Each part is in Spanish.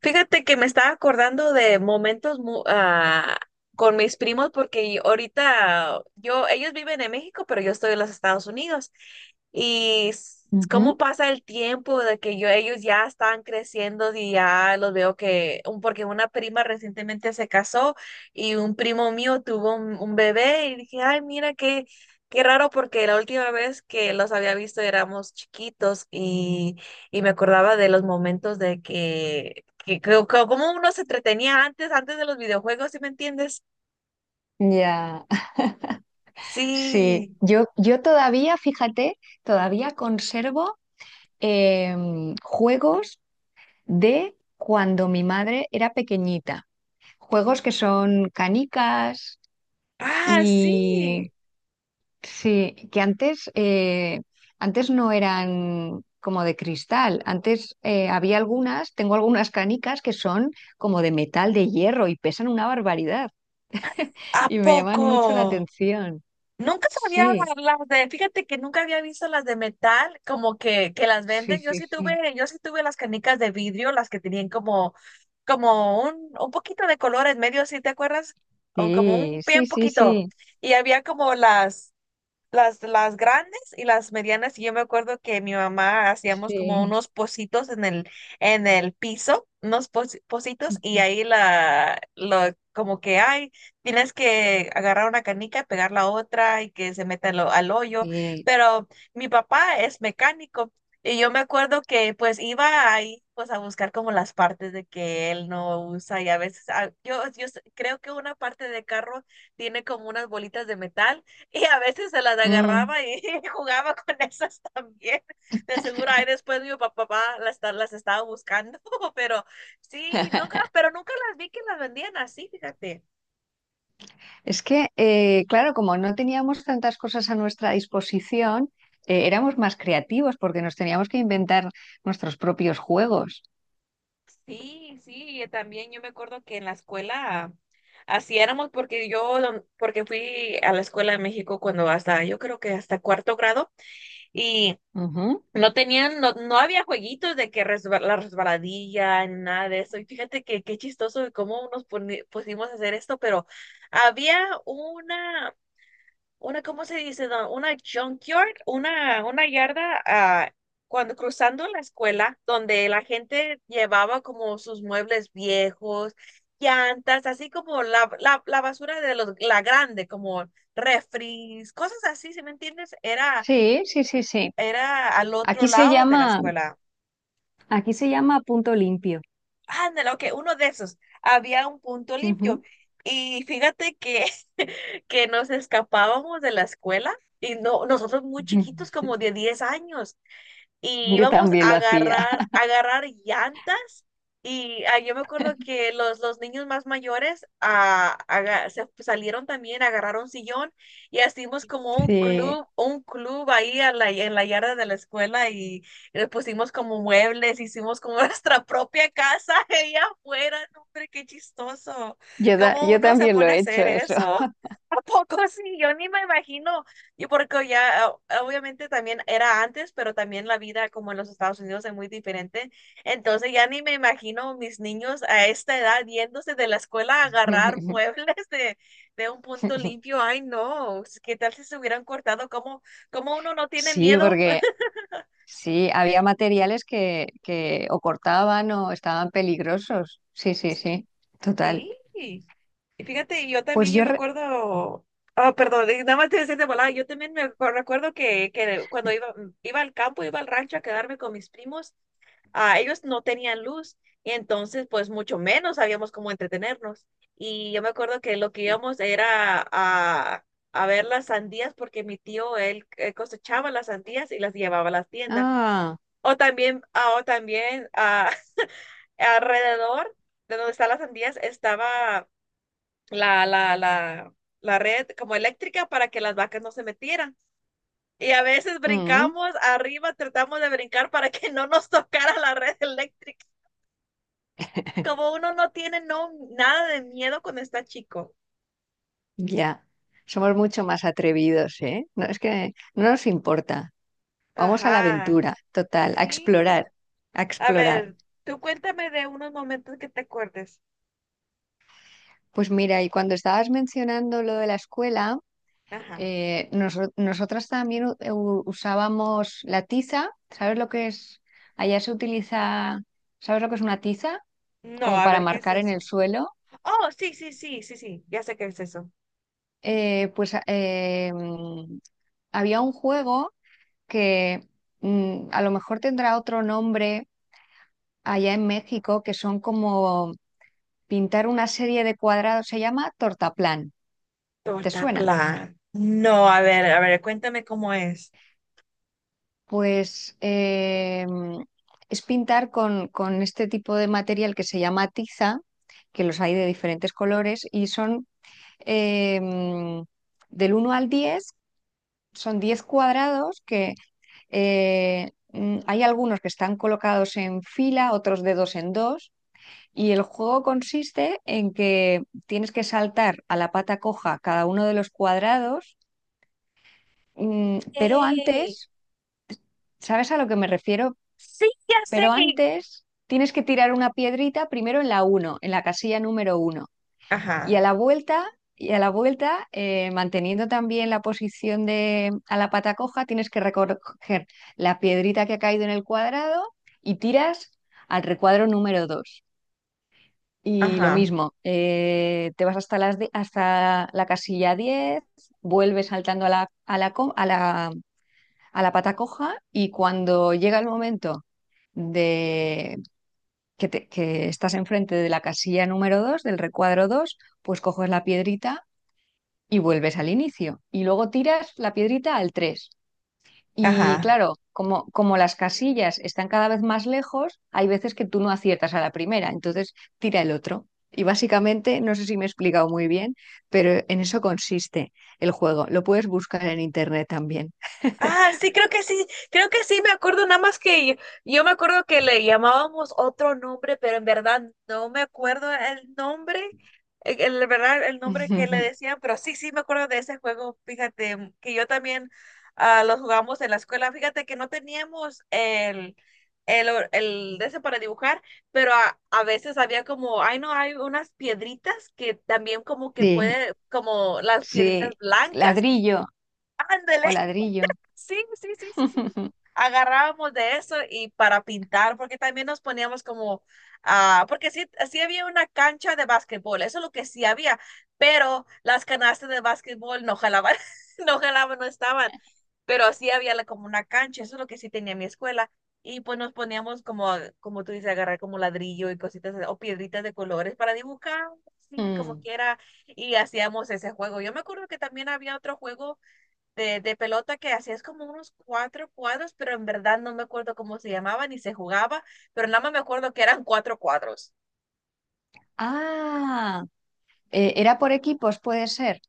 Fíjate que me estaba acordando de momentos con mis primos porque ahorita ellos viven en México, pero yo estoy en los Estados Unidos. Y cómo Ujú. pasa el tiempo de que ellos ya están creciendo y ya los veo porque una prima recientemente se casó y un primo mío tuvo un bebé y dije, ay, mira qué raro porque la última vez que los había visto éramos chiquitos y me acordaba de los momentos de que cómo uno se entretenía antes de los videojuegos, ¿sí me entiendes? Ya, sí. Sí. Yo todavía, fíjate, todavía conservo juegos de cuando mi madre era pequeñita. Juegos que son canicas Ah, y sí. sí, que antes no eran como de cristal. Antes había algunas, tengo algunas canicas que son como de metal, de hierro y pesan una barbaridad ¿A y me llaman mucho la poco? atención. Nunca sabía Sí. las de, fíjate que nunca había visto las de metal, como que las Sí, venden. Yo sí, sí sí. tuve, yo sí tuve las canicas de vidrio, las que tenían como un poquito de color en medio, ¿sí te acuerdas? O como Sí, un bien sí, sí, poquito. sí. Y había como las grandes y las medianas. Y yo me acuerdo que mi mamá hacíamos como Sí. unos pocitos en el piso, unos pocitos, y Ujú. ahí como que, ay, tienes que agarrar una canica, pegar la otra y que se meta al hoyo. Sí. Pero mi papá es mecánico y yo me acuerdo que pues iba ahí, pues a buscar como las partes de que él no usa y a veces creo que una parte de carro tiene como unas bolitas de metal y a veces se las Mm. agarraba y jugaba con esas también. De seguro ahí después mi papá las estaba buscando, pero sí, nunca, pero nunca las vi que las vendían así, fíjate. Es que, claro, como no teníamos tantas cosas a nuestra disposición, éramos más creativos porque nos teníamos que inventar nuestros propios juegos. Sí, sí, y también yo me acuerdo que en la escuela así éramos porque porque fui a la escuela de México cuando hasta, yo creo que hasta cuarto grado y Ujú. no tenían, no, no había jueguitos de que la resbaladilla, ni nada de eso. Y fíjate que qué chistoso de cómo nos pusimos a hacer esto, pero había una, una, ¿cómo se dice? Don? Una junkyard, una yarda, cuando cruzando la escuela, donde la gente llevaba como sus muebles viejos, llantas, así como la basura de los, la grande, como refris, cosas así, ¿si me entiendes? Era, Sí, sí, sí, sí. era al otro Aquí se lado de la llama, escuela. aquí se llama punto limpio. Ándale, ok, uno de esos. Había un punto limpio. Ujú. Y fíjate que, que nos escapábamos de la escuela y no, nosotros muy Ujú. chiquitos, como de 10 años y Yo íbamos también lo hacía. A agarrar llantas. Y yo me acuerdo que los niños más mayores se salieron también, agarraron sillón y hicimos como Sí, un club ahí en la yarda de la escuela y le pusimos como muebles, hicimos como nuestra propia casa ahí afuera. No, hombre, qué chistoso. yo, ta- ¿Cómo yo uno se también lo pone a he hecho hacer eso. eso? ¿A poco sí? Yo ni me imagino y porque ya obviamente también era antes, pero también la vida como en los Estados Unidos es muy diferente. Entonces ya ni me imagino mis niños a esta edad yéndose de la escuela a agarrar muebles de un punto limpio. Ay, no, ¿qué tal si se hubieran cortado? ¿Cómo uno no tiene Sí, miedo? porque sí, había materiales que o cortaban o estaban peligrosos. Sí, sí, sí, total. Sí. Y fíjate, yo también, Pues yo me acuerdo, perdón, y nada más te decía de volada, yo también me recuerdo que cuando iba al campo, iba al rancho a quedarme con mis primos. Ellos no tenían luz y entonces pues mucho menos sabíamos cómo entretenernos. Y yo me acuerdo que lo que íbamos era a ver las sandías porque mi tío, él cosechaba las sandías y las llevaba a las tiendas. ah, O también, alrededor de donde están las sandías estaba la, la, la, la red como eléctrica para que las vacas no se metieran. Y a veces mm, brincamos arriba, tratamos de brincar para que no nos tocara la red eléctrica. Como uno no tiene no, nada de miedo cuando está chico. ya. Somos mucho más atrevidos, ¿eh? No, es que no nos importa. Vamos a la Ajá, aventura, total, a sí. explorar, a A explorar. ver, tú cuéntame de unos momentos que te acuerdes. Pues mira, y cuando estabas mencionando lo de la escuela... Ajá. Nosotras también usábamos la tiza. ¿Sabes lo que es? Allá se utiliza, ¿sabes lo que es una tiza? No, Como a para ver, ¿qué es marcar en el eso? suelo. Oh, sí, sí, sí, sí, sí, ya sé qué es eso. Pues había un juego que a lo mejor tendrá otro nombre allá en México, que son como pintar una serie de cuadrados. Se llama tortaplán. ¿Te Torta suena? plan. No, a ver, cuéntame cómo es. Pues es pintar con este tipo de material que se llama tiza, que los hay de diferentes colores y son eh, del uno al 10, son 10 cuadrados que hay algunos que están colocados en fila, otros de dos en dos. Y el juego consiste en que tienes que saltar a la pata coja cada uno de los cuadrados, pero Ey. antes, ¿sabes a lo que me refiero? Sí, ya sé. Pero antes tienes que tirar una piedrita primero en la uno, en la casilla número uno. Y Ajá, a la vuelta, y a la vuelta, manteniendo también la posición de a la pata coja, tienes que recoger la piedrita que ha caído en el cuadrado y tiras al recuadro número 2. Y lo ajá, mismo, te vas hasta la casilla 10, vuelves saltando a la, co- a la pata coja y cuando llega el momento de que estás enfrente de la casilla número 2 del recuadro 2, pues coges la piedrita y vuelves al inicio. Y luego tiras la piedrita al tres. Y ajá. claro, como las casillas están cada vez más lejos, hay veces que tú no aciertas a la primera, entonces tira el otro. Y básicamente, no sé si me he explicado muy bien, pero en eso consiste el juego. Lo puedes buscar en internet también. Ah, sí, creo que sí, creo que sí, me acuerdo nada más que yo, me acuerdo que le llamábamos otro nombre, pero en verdad no me acuerdo el nombre, verdad el nombre que le decían, pero sí, sí me acuerdo de ese juego, fíjate, que yo también lo jugamos en la escuela, fíjate que no teníamos el, el de ese para dibujar, pero a veces había como, ay no, hay unas piedritas que también como que Sí, puede, como las sí. piedritas blancas, Ladrillo ándale. o ladrillo. Sí, sí, sí, sí, sí. Agarrábamos de eso y para pintar, porque también nos poníamos como, porque sí, sí había una cancha de básquetbol, eso es lo que sí había, pero las canastas de básquetbol no jalaban, no jalaban, no estaban, pero sí había como una cancha, eso es lo que sí tenía mi escuela. Y pues nos poníamos como, como tú dices, agarrar como ladrillo y cositas o piedritas de colores para dibujar, sí, como Mm. quiera, y hacíamos ese juego. Yo me acuerdo que también había otro juego de pelota que hacías como unos cuatro cuadros, pero en verdad no me acuerdo cómo se llamaba ni se jugaba, pero nada más me acuerdo que eran cuatro cuadros. Ah, era por equipos, puede ser.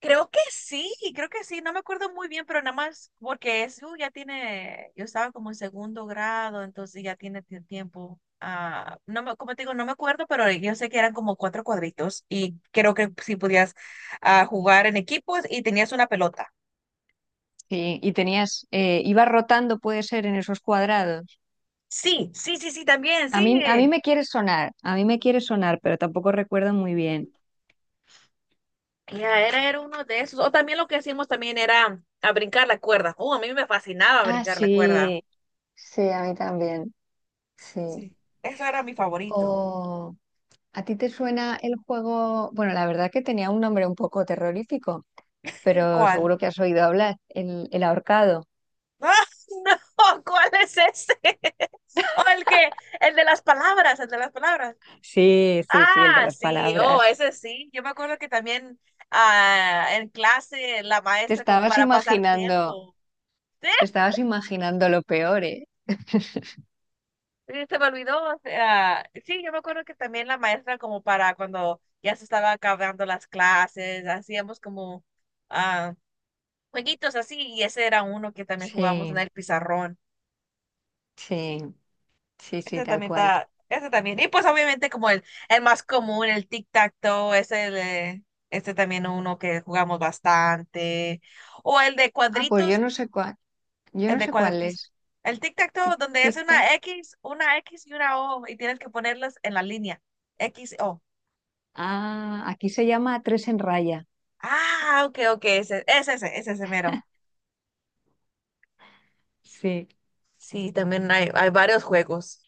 Creo que sí, no me acuerdo muy bien, pero nada más porque eso ya tiene, yo estaba como en segundo grado, entonces ya tiene tiempo. No me, como te digo, no me acuerdo, pero yo sé que eran como cuatro cuadritos y creo que sí podías jugar en equipos y tenías una pelota. Sí, y tenías, ibas rotando, puede ser, en esos cuadrados. Sí, sí, sí, sí, también, A sí. mí, a mí me quiere sonar, a mí me quiere sonar, pero tampoco recuerdo muy bien. Ya era, era uno de esos. O también lo que hacíamos también era a brincar la cuerda. A mí me fascinaba Ah, brincar la cuerda. sí, sí, a mí también, sí. Sí, eso era mi favorito. O, ¿a ti te suena el juego? Bueno, la verdad que tenía un nombre un poco terrorífico, pero ¿Cuál? seguro que has oído hablar, el ahorcado. ¡Ah, no! ¿Cuál es ese? O el que, el de las palabras, el de las palabras. Sí, sí, sí, el de Ah, las sí, oh, palabras. ese sí. Yo me acuerdo que también en clase la Te maestra como estabas para pasar imaginando. tiempo. Sí. Te estabas imaginando lo peor, ¿eh? Sí, se me olvidó, o sea, sí, yo me acuerdo que también la maestra como para cuando ya se estaba acabando las clases, hacíamos como ah, jueguitos así y ese era uno que también jugamos en Sí, el pizarrón. sí, sí, sí, Ese tal también cual. está, ese también. Y pues obviamente como el más común, el tic-tac-toe, ese, el, este también uno que jugamos bastante. O el de Ah, pues yo cuadritos, no sé cuál, yo el no de sé cuál cuadritos. es. El tic-tac-toe Tic, donde es tic, tac. Una X y una O y tienes que ponerlas en la línea. X, O. Ah, aquí se llama Tres en Raya. Ah, ok, ok, ese mero. Sí, Sí, también hay varios juegos.